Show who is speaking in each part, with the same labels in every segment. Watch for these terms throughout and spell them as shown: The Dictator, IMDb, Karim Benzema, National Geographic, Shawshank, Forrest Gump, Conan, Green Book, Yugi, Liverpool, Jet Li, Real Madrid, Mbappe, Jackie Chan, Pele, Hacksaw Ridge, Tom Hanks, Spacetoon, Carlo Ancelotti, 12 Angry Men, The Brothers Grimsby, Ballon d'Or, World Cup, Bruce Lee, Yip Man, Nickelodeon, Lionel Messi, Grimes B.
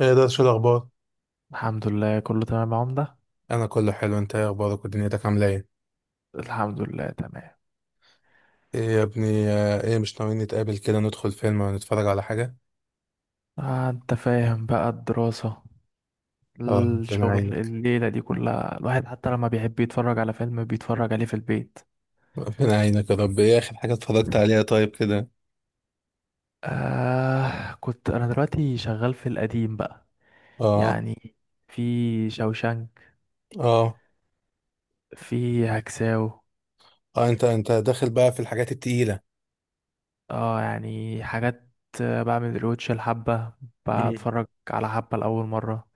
Speaker 1: ايه ده، شو الاخبار؟
Speaker 2: الحمد لله كله تمام يا عمدة.
Speaker 1: انا كله حلو. انت ايه اخبارك، ودنيتك عامله ايه؟
Speaker 2: الحمد لله تمام.
Speaker 1: ايه يا ابني، ايه مش ناويين نتقابل كده، ندخل فيلم ونتفرج على حاجه؟
Speaker 2: آه انت فاهم بقى الدراسة،
Speaker 1: اه، ربنا
Speaker 2: الشغل،
Speaker 1: يعينك.
Speaker 2: الليلة دي كلها الواحد حتى لما بيحب يتفرج على فيلم بيتفرج عليه في البيت.
Speaker 1: ربنا يعينك يا رب. ايه اخر حاجه اتفرجت عليها طيب كده؟
Speaker 2: آه كنت انا دلوقتي شغال في القديم بقى،
Speaker 1: اه،
Speaker 2: يعني في شوشانك،
Speaker 1: اه،
Speaker 2: في هكساو.
Speaker 1: اه، انت داخل بقى في الحاجات التقيله.
Speaker 2: اه يعني حاجات، بعمل ريوتش الحبة،
Speaker 1: امم.
Speaker 2: بتفرج على حبة لأول مرة.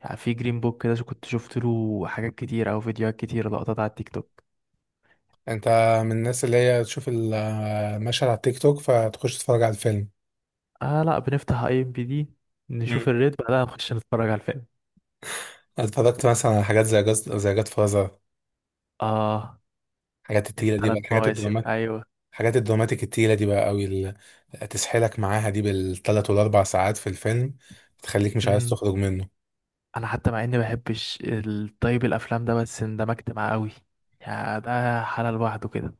Speaker 2: يعني في جرين بوك كده كنت شفت له حاجات كتير أو فيديوهات كتير، لقطات على التيك توك.
Speaker 1: انت من الناس اللي هي تشوف المشهد على التيك توك فتخش تتفرج على الفيلم؟
Speaker 2: آه لا، بنفتح اي ام بي دي
Speaker 1: امم.
Speaker 2: نشوف الريت، بعدها نخش نتفرج على الفيلم.
Speaker 1: اتفرجت مثلا على حاجات زي جاز، زي جاد فازر؟
Speaker 2: اه
Speaker 1: الحاجات التقيله دي بقى،
Speaker 2: الثلاث
Speaker 1: الحاجات
Speaker 2: مواسم
Speaker 1: الدراما.
Speaker 2: ايوه.
Speaker 1: حاجات الدراماتيك التقيلة دي بقى قوي، اللي تسحلك معاها دي بالثلاث والاربع ساعات في الفيلم، تخليك مش عايز
Speaker 2: امم،
Speaker 1: تخرج منه.
Speaker 2: انا حتى مع اني ما بحبش الطيب الافلام ده بس اندمجت معاه قوي، يعني ده حالة لوحده كده.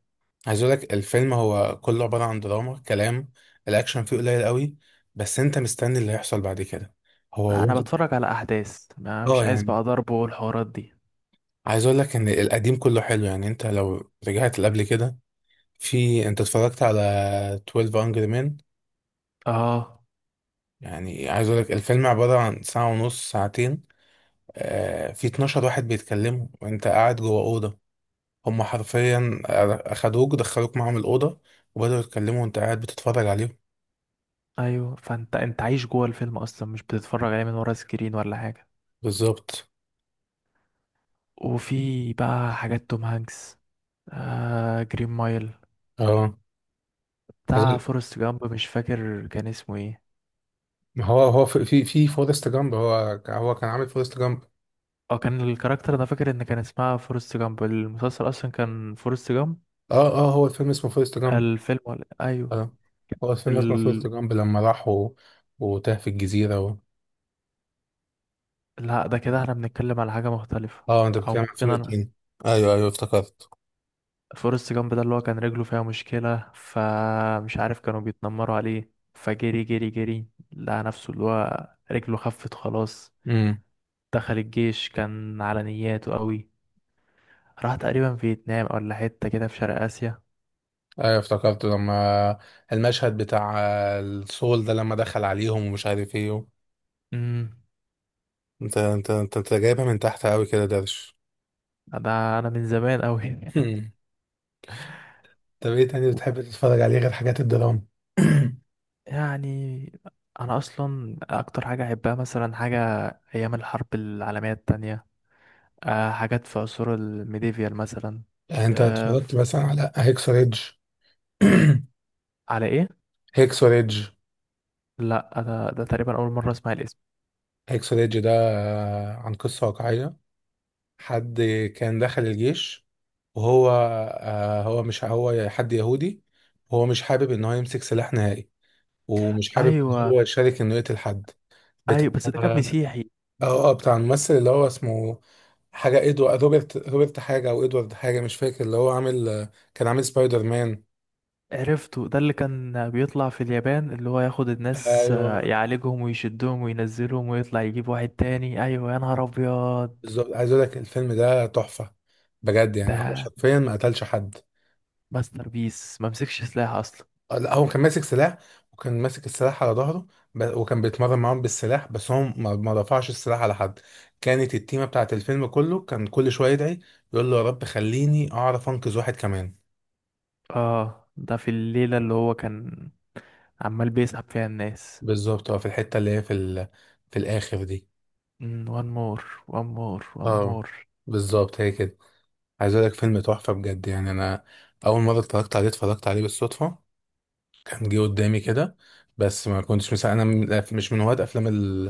Speaker 1: عايز اقول لك الفيلم هو كله عبارة عن دراما كلام. الاكشن فيه قليل قوي، بس انت مستني اللي هيحصل بعد كده. هو
Speaker 2: انا
Speaker 1: واخد-
Speaker 2: بتفرج على احداث، ما مش
Speaker 1: اه
Speaker 2: عايز
Speaker 1: يعني،
Speaker 2: بقى ضرب والحوارات دي.
Speaker 1: عايز اقول لك ان القديم كله حلو. يعني انت لو رجعت لقبل كده، في انت اتفرجت على 12 Angry Men؟
Speaker 2: اه
Speaker 1: يعني عايز اقول لك الفيلم عبارة عن ساعة ونص، ساعتين. في 12 واحد بيتكلموا وانت قاعد جوه أوضة. هم حرفيا اخدوك، دخلوك معاهم الاوضه، وبداوا يتكلموا وانت قاعد بتتفرج عليهم.
Speaker 2: ايوه، فانت عايش جوه الفيلم اصلا، مش بتتفرج عليه من ورا سكرين ولا حاجه.
Speaker 1: بالظبط.
Speaker 2: وفي بقى حاجات توم هانكس، آه جرين مايل،
Speaker 1: اه،
Speaker 2: بتاع فورست جامب مش فاكر كان اسمه ايه.
Speaker 1: ما هو هو في فورست جامب هو كان عامل فورست جامب.
Speaker 2: اه كان الكاركتر، انا فاكر ان كان اسمها فورست جامب، المسلسل اصلا كان فورست جامب.
Speaker 1: اه، اه، هو الفيلم اسمه فورست جامب.
Speaker 2: الفيلم ولا ايوه.
Speaker 1: اه، هو الفيلم اسمه
Speaker 2: ال...
Speaker 1: فورست جامب لما راح و... وتاه في الجزيره و...
Speaker 2: لا، ده كده احنا بنتكلم على حاجة مختلفة.
Speaker 1: اه، انت
Speaker 2: او
Speaker 1: بتتكلم عن
Speaker 2: ممكن
Speaker 1: فيلم
Speaker 2: انا.
Speaker 1: تاني. ايوه، ايوه، افتكرت.
Speaker 2: فورست جامب ده اللي هو كان رجله فيها مشكلة، فمش عارف كانوا بيتنمروا عليه، فجري جري جري، لقى نفسه اللي هو رجله خفت خلاص.
Speaker 1: امم.
Speaker 2: دخل الجيش، كان على نياته قوي. راح تقريبا فيتنام ولا حتة كده في شرق آسيا.
Speaker 1: ايوه افتكرت لما المشهد بتاع السول ده لما دخل عليهم ومش عارف ايه و...
Speaker 2: امم،
Speaker 1: انت جايبها من تحت قوي كده درش.
Speaker 2: ده انا من زمان قوي.
Speaker 1: مم. طب ايه تاني بتحب تتفرج عليه غير حاجات الدراما؟
Speaker 2: يعني انا اصلا اكتر حاجه احبها مثلا حاجه ايام الحرب العالميه التانية، أه حاجات في عصور الميديفيال مثلا.
Speaker 1: يعني انت
Speaker 2: أه
Speaker 1: اتفرجت
Speaker 2: ف-
Speaker 1: مثلا على هيكسو ريدج؟
Speaker 2: على ايه؟
Speaker 1: هيكسو ريدج.
Speaker 2: لا انا ده تقريبا اول مره اسمع الاسم.
Speaker 1: هيكسو ريدج ده عن قصة واقعية. حد كان دخل الجيش، وهو هو حد يهودي، وهو مش حابب ان هو يمسك سلاح نهائي، ومش حابب ان
Speaker 2: ايوه
Speaker 1: هو يشارك انه يقتل حد. بتاع
Speaker 2: ايوه، بس ده كان
Speaker 1: اه،
Speaker 2: مسيحي.
Speaker 1: بتاع الممثل اللي هو اسمه حاجة، ادوارد، روبرت حاجة، او ادوارد حاجة، مش فاكر. اللي هو عامل، كان عامل سبايدر مان.
Speaker 2: عرفته، ده اللي كان بيطلع في اليابان اللي هو ياخد الناس،
Speaker 1: ايوه،
Speaker 2: يعالجهم ويشدهم وينزلهم ويطلع يجيب واحد تاني، ايوه يا نهار ابيض.
Speaker 1: بالظبط. عايز اقول لك الفيلم ده تحفه بجد. يعني هو
Speaker 2: ده
Speaker 1: حرفيا ما قتلش حد.
Speaker 2: ماستر بيس، ممسكش سلاح اصلا.
Speaker 1: لا، هو كان ماسك سلاح، وكان ماسك السلاح على ظهره. وكان بيتمرن معاهم بالسلاح، بس هو ما رفعش السلاح على حد. كانت التيمه بتاعت الفيلم كله كان كل شويه يدعي، يقول له يا رب خليني اعرف انقذ واحد كمان.
Speaker 2: اه ده في الليلة اللي هو كان عمال بيسحب فيها الناس.
Speaker 1: بالظبط. اه، في الحته اللي هي في ال... في الاخر دي.
Speaker 2: وان مور، وان مور، وان
Speaker 1: اه،
Speaker 2: مور.
Speaker 1: بالظبط، هي كده. عايز اقول لك، فيلم تحفه بجد. يعني انا اول مره اتفرجت عليه، بالصدفه. كان جه قدامي كده. بس ما كنتش مسا...، انا مش من هواة افلام ال...،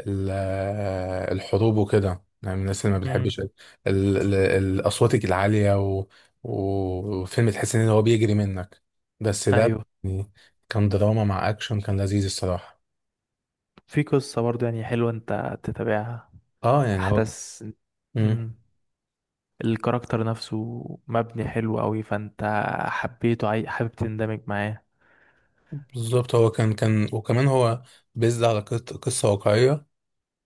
Speaker 1: ال... الحروب وكده. يعني من الناس اللي ما
Speaker 2: مم.
Speaker 1: بتحبش ال... الاصوات العاليه و... وفيلم تحس ان هو بيجري منك. بس ده
Speaker 2: ايوه
Speaker 1: يعني كان دراما مع اكشن، كان لذيذ الصراحه.
Speaker 2: في قصة برضه يعني حلوة انت تتابعها،
Speaker 1: اه يعني هو.
Speaker 2: احداث.
Speaker 1: مم.
Speaker 2: مم. الكاركتر نفسه مبني حلو قوي، فانت حبيته، حابب تندمج معاه.
Speaker 1: بالظبط، هو كان وكمان هو بيزد على قصه واقعيه.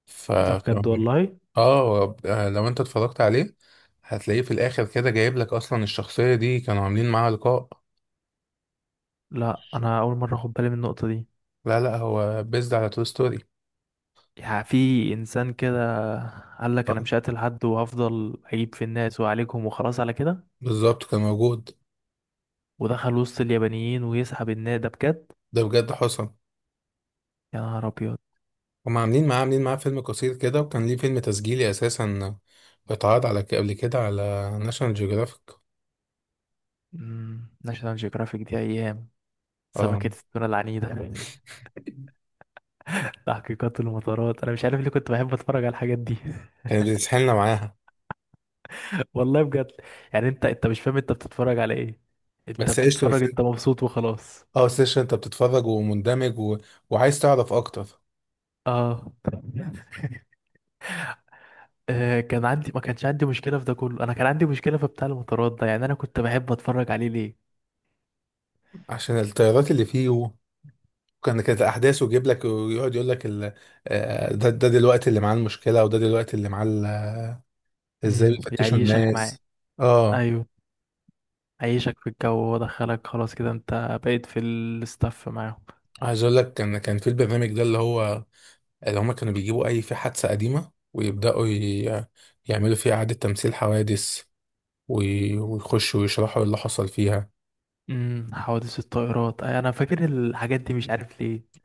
Speaker 1: ف
Speaker 2: ده
Speaker 1: ف-
Speaker 2: بجد والله.
Speaker 1: اه، لو انت اتفرجت عليه، هتلاقيه في الاخر كده جايب لك اصلا الشخصية دي كانوا عاملين معاها لقاء.
Speaker 2: لا انا اول مرة اخد بالي من النقطة دي.
Speaker 1: لا، لا، هو بيزد على تو ستوري.
Speaker 2: يعني في انسان كده قال لك انا
Speaker 1: اه،
Speaker 2: مش هقتل حد وهفضل اجيب في الناس واعالجهم وخلاص على كده،
Speaker 1: بالظبط، كان موجود.
Speaker 2: ودخل وسط اليابانيين ويسحب الناس، ده بجد.
Speaker 1: ده بجد حصل.
Speaker 2: يا نهار ابيض.
Speaker 1: هم عاملين معاه فيلم قصير كده، وكان ليه فيلم تسجيلي اساسا، اتعرض على قبل كده على ناشونال جيوغرافيك.
Speaker 2: مم، ناشونال جيوغرافيك دي ايام
Speaker 1: اه،
Speaker 2: سمكة التونة العنيدة، تحقيقات المطارات، انا مش عارف ليه كنت بحب اتفرج على الحاجات دي.
Speaker 1: كانت بتسحلنا معاها.
Speaker 2: والله بجد، يعني انت مش فاهم انت بتتفرج على ايه، انت
Speaker 1: بس قشطة،
Speaker 2: بتتفرج، انت مبسوط وخلاص.
Speaker 1: اه سيشن، انت بتتفرج ومندمج و... وعايز تعرف اكتر.
Speaker 2: اه كان عندي، ما كانش عندي مشكلة في ده كله، انا كان عندي مشكلة في بتاع المطارات ده، يعني انا كنت بحب اتفرج عليه ليه.
Speaker 1: عشان التيارات اللي فيه، كانت الاحداث، ويجيب لك ويقعد يقول لك ال... ده، دلوقتي اللي معاه المشكله، وده دلوقتي اللي معاه ال-، ازاي
Speaker 2: امم،
Speaker 1: بيفتشوا
Speaker 2: يعيشك معاه.
Speaker 1: الناس. اه،
Speaker 2: ايوه، عيشك في الجو ودخلك، خلاص كده انت بقيت في الاستاف معاهم.
Speaker 1: عايز اقول لك كان في البرنامج ده اللي هو، اللي هم كانوا بيجيبوا اي في حادثه قديمه، ويبداوا ي...، يعملوا فيها اعاده تمثيل حوادث، وي... ويخشوا ويشرحوا اللي حصل فيها.
Speaker 2: امم، حوادث الطائرات، أي انا فاكر الحاجات دي مش عارف ليه.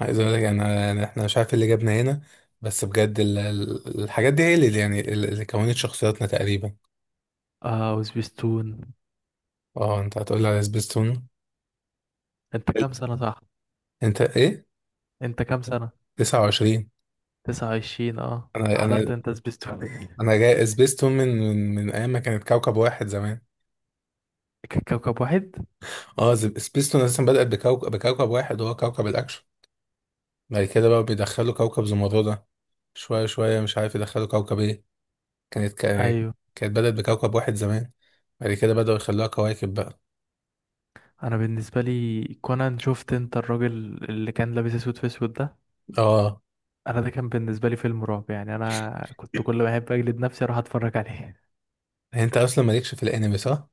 Speaker 1: عايز اقول لك انا، احنا مش عارف إيه اللي جابنا هنا. بس بجد ال...، ال- الحاجات دي هي اللي يعني اللي كونت شخصياتنا تقريبا.
Speaker 2: اه وسبيستون.
Speaker 1: اه، انت هتقول لي على سبيستون.
Speaker 2: انت كام سنة؟ صح.
Speaker 1: انت ايه؟
Speaker 2: انت كام سنة؟
Speaker 1: 29.
Speaker 2: 29. اه
Speaker 1: انا
Speaker 2: حضرت
Speaker 1: انا
Speaker 2: انت سبيستون.
Speaker 1: انا جاي سبيستون من ايام ما كانت كوكب واحد زمان.
Speaker 2: كوكب واحد.
Speaker 1: اه، سبيستون اساسا بدأت بكوكب، واحد، وهو كوكب الاكشن. بعد كده بقى بيدخلوا كوكب زمردة. شويه شويه مش عارف يدخلوا كوكب ايه. كانت كا-
Speaker 2: ايوه.
Speaker 1: كانت بدأت بكوكب واحد زمان. بعد كده بدأوا يخلوها كواكب بقى.
Speaker 2: انا بالنسبة لي كونان، شفت انت الراجل اللي كان لابس اسود في اسود ده؟
Speaker 1: اه،
Speaker 2: انا ده كان بالنسبة لي فيلم رعب، يعني انا كنت كل ما احب اجلد نفسي اروح اتفرج عليه.
Speaker 1: انت اصلا مالكش في الانمي صح؟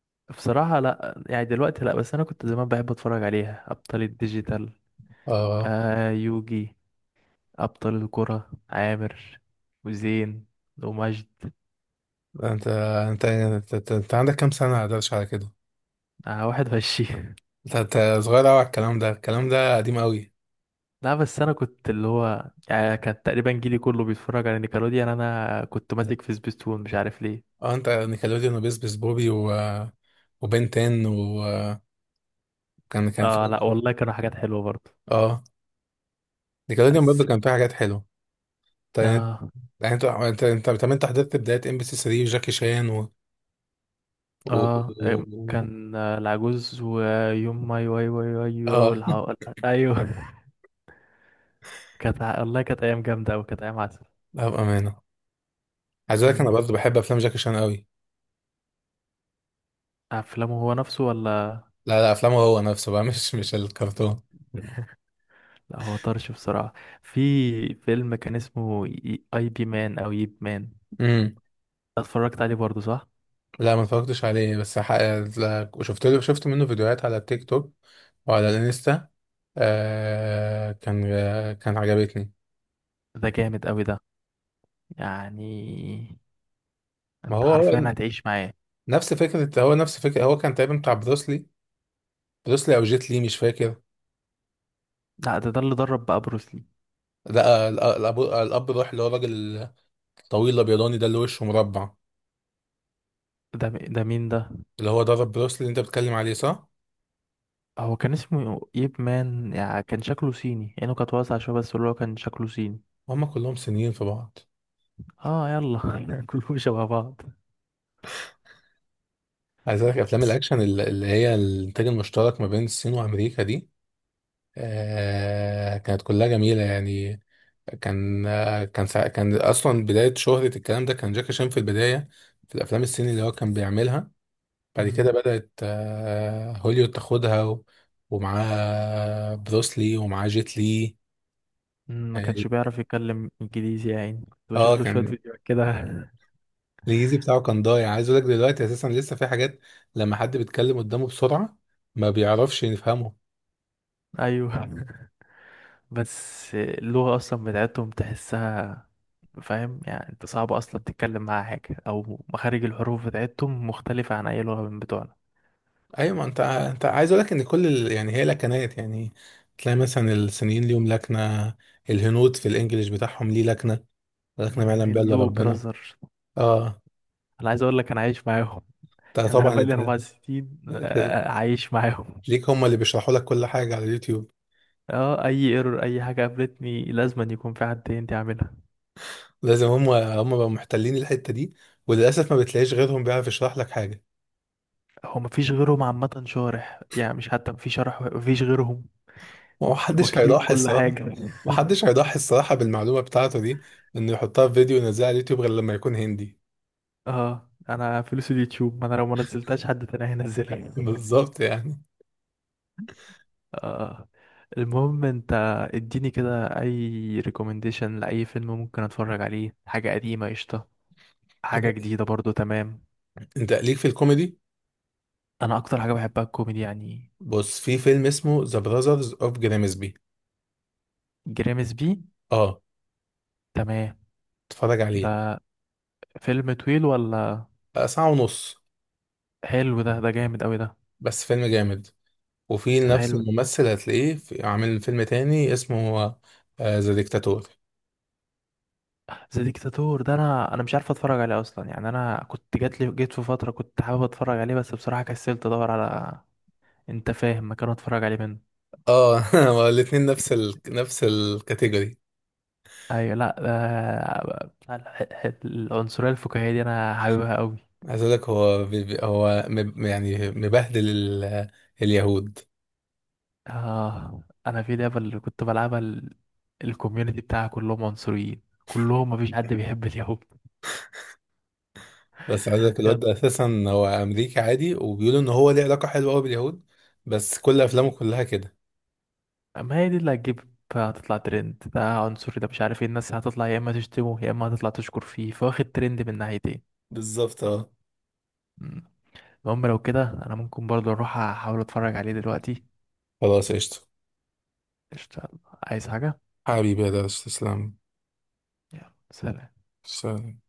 Speaker 2: بصراحة لا، يعني دلوقتي لا، بس انا كنت زمان بحب اتفرج عليها، ابطال الديجيتال،
Speaker 1: اه،
Speaker 2: آه يوجي، أبطال الكرة عامر وزين ومجد.
Speaker 1: انت عندك كام سنه قدرش على كده؟
Speaker 2: آه 21.
Speaker 1: انت صغير قوي على الكلام ده. الكلام ده قديم قوي.
Speaker 2: لا بس أنا كنت اللي هو يعني كان تقريبا جيلي كله بيتفرج على نيكلوديان يعني. أنا كنت ماسك في سبيستون مش عارف ليه.
Speaker 1: اه، انت نيكلوديون وبيس بيس بوبي و... وبن 10، وكان كان في.
Speaker 2: آه لا والله كانوا حاجات حلوة برضه.
Speaker 1: اه، نيكلوديون برضه
Speaker 2: بس
Speaker 1: كان
Speaker 2: كنت-
Speaker 1: فيه حاجات حلوه. طيب يعني،
Speaker 2: آه.
Speaker 1: يعني انت، طب انت حضرت بدايه ام بي سي 3 وجاكي شان و, و...
Speaker 2: آه إم،
Speaker 1: و...
Speaker 2: كان آه، العجوز ويوم ماي واي واي واي واي
Speaker 1: اه.
Speaker 2: أيوه. والله كانت أيام جامدة أوي، كانت أيام عسل.
Speaker 1: لا بامانه، عايز اقول لك انا
Speaker 2: أمم.
Speaker 1: برضه بحب افلام جاكي شان قوي.
Speaker 2: أفلامه هو نفسه ولا؟
Speaker 1: لا، لا، افلامه هو نفسه بقى. مش الكرتون.
Speaker 2: لا هو طرش بصراحة. في فيلم كان اسمه اي بي مان او ييب مان،
Speaker 1: امم.
Speaker 2: اتفرجت عليه برضو صح؟
Speaker 1: لا، ما اتفرجتش عليه بس حق...، لا، شفت منه فيديوهات على التيك توك وعلى الانستا. آه... كان، كان عجبتني.
Speaker 2: ده جامد قوي ده، يعني
Speaker 1: ما
Speaker 2: انت
Speaker 1: هو هو
Speaker 2: حرفيا هتعيش معاه.
Speaker 1: نفس فكرة هو كان تقريبا بتاع بروسلي. بروسلي أو جيت لي مش فاكر.
Speaker 2: لا ده ده اللي درب بقى بروسلي.
Speaker 1: لا، ال-، الأب روح، اللي هو الراجل الطويل الأبيضاني ده اللي وشه مربع،
Speaker 2: ده مين ده؟
Speaker 1: اللي هو ضرب بروسلي اللي أنت بتتكلم عليه، صح؟
Speaker 2: هو كان اسمه ييب مان، يعني كان شكله صيني، عينه كانت واسعة شوية، بس اللي هو كان شكله صيني.
Speaker 1: هما كلهم صينيين في بعض.
Speaker 2: اه يلا. كلهم شبه بعض.
Speaker 1: عايز أقول لك أفلام
Speaker 2: بس.
Speaker 1: الأكشن ال-، اللي هي الإنتاج المشترك ما بين الصين وأمريكا دي، آه كانت كلها جميلة يعني. كان سا-، كان أصلا بداية شهرة الكلام ده كان جاكي شان في البداية، في الأفلام الصيني اللي هو كان بيعملها. بعد كده
Speaker 2: مم.
Speaker 1: بدأت هوليود تاخدها و-، ومعاه بروسلي ومعاه جيت لي.
Speaker 2: مم، ما كانش
Speaker 1: يعني
Speaker 2: بيعرف يتكلم انجليزي، يعني كنت
Speaker 1: اه
Speaker 2: بشوف له شوية
Speaker 1: كان
Speaker 2: فيديوهات كده.
Speaker 1: الانجليزي بتاعه كان ضايع. عايز اقول لك دلوقتي اساسا لسه في حاجات، لما حد بيتكلم قدامه بسرعة ما بيعرفش يفهمه.
Speaker 2: ايوه، بس اللغة أصلا بتاعتهم تحسها، فاهم؟ يعني أنت صعب أصلا تتكلم معاها حاجة، أو مخارج الحروف بتاعتهم مختلفة عن أي لغة من بتوعنا.
Speaker 1: ايوه، ما انت عايز اقول لك ان كل ال...، يعني هي لكنات يعني. تلاقي مثلا الصينيين ليهم لكنة، الهنود في الانجليش بتاعهم ليه لكنة، لكنة ما يعلم بها الا
Speaker 2: هلو
Speaker 1: ربنا.
Speaker 2: براذر.
Speaker 1: اه،
Speaker 2: أنا عايز أقول لك أنا عايش معاهم.
Speaker 1: انت
Speaker 2: يعني أنا
Speaker 1: طبعا
Speaker 2: بقالي
Speaker 1: انت،
Speaker 2: 4 سنين
Speaker 1: أنت
Speaker 2: عايش معاهم.
Speaker 1: ليك هم اللي بيشرحوا لك كل حاجة على اليوتيوب.
Speaker 2: أه أي ايرور، أي حاجة قابلتني لازم أن يكون في حد تاني يعملها.
Speaker 1: لازم، هم بقوا محتلين الحتة دي، وللأسف ما بتلاقيش غيرهم بيعرف يشرح لك حاجة.
Speaker 2: هو مفيش غيرهم عامة شارح، يعني مش حتى مفيش شرح، مفيش غيرهم.
Speaker 1: ومحدش
Speaker 2: واكلين
Speaker 1: هيضحي
Speaker 2: كل
Speaker 1: الصراحة.
Speaker 2: حاجة.
Speaker 1: محدش هيضحي الصراحة بالمعلومة بتاعته دي، إنه يحطها في فيديو ينزلها على اليوتيوب، غير لما يكون هندي.
Speaker 2: اه انا فلوس اليوتيوب، ما انا لو ما نزلتهاش حد تاني هينزلها.
Speaker 1: بالظبط يعني.
Speaker 2: اه. المهم انت اديني كده اي ريكومنديشن لاي فيلم ممكن اتفرج عليه، حاجه قديمه قشطه، حاجه جديده برضو تمام.
Speaker 1: أنت ليك في الكوميدي.
Speaker 2: انا اكتر حاجه بحبها الكوميدي يعني.
Speaker 1: بص، في فيلم اسمه ذا براذرز أوف جرامسبي.
Speaker 2: جريمس بي.
Speaker 1: أه،
Speaker 2: تمام.
Speaker 1: اتفرج عليه.
Speaker 2: ده فيلم طويل ولا؟
Speaker 1: ساعة ونص،
Speaker 2: حلو ده، ده جامد قوي ده.
Speaker 1: بس فيلم جامد. وفي نفس
Speaker 2: حلو.
Speaker 1: الممثل هتلاقيه في-، عامل فيلم تاني اسمه ذا ديكتاتور.
Speaker 2: ذا ديكتاتور ده انا مش عارف اتفرج عليه اصلا، يعني انا كنت جات لي، جيت في فتره كنت حابب اتفرج عليه بس بصراحه كسلت ادور على، انت فاهم، مكان اتفرج عليه منه.
Speaker 1: اه. هو الاتنين نفس ال...، نفس الكاتيجوري.
Speaker 2: ايوه، لا ده بتاع العنصريه الفكاهيه دي انا حاببها قوي.
Speaker 1: عايز اقول لك هو يعني مبهدل ال...، اليهود.
Speaker 2: اه انا في لعبه اللي كنت بلعبها الكوميونتي بتاعها كلهم عنصريين، كلهم مفيش حد بيحب اليهود.
Speaker 1: بس عايز اقول لك الواد ده
Speaker 2: يلا.
Speaker 1: اساسا هو امريكي عادي، وبيقولوا ان هو ليه علاقه حلوه قوي باليهود. بس كل افلامه كلها كده.
Speaker 2: ما هي دي اللي هتجيب، هتطلع ترند، ده عنصري، ده مش عارف ايه، الناس هتطلع يا اما تشتمه يا اما هتطلع تشكر فيه، فواخد ترند من ناحيتين.
Speaker 1: بالظبط اه.
Speaker 2: مم. المهم لو كده انا ممكن برضه اروح احاول اتفرج عليه دلوقتي.
Speaker 1: خلاص، قشطه.
Speaker 2: قشطة، يلا. عايز حاجه؟
Speaker 1: حبيبي يا درش، تسلم.
Speaker 2: يلا سلام.
Speaker 1: سلام.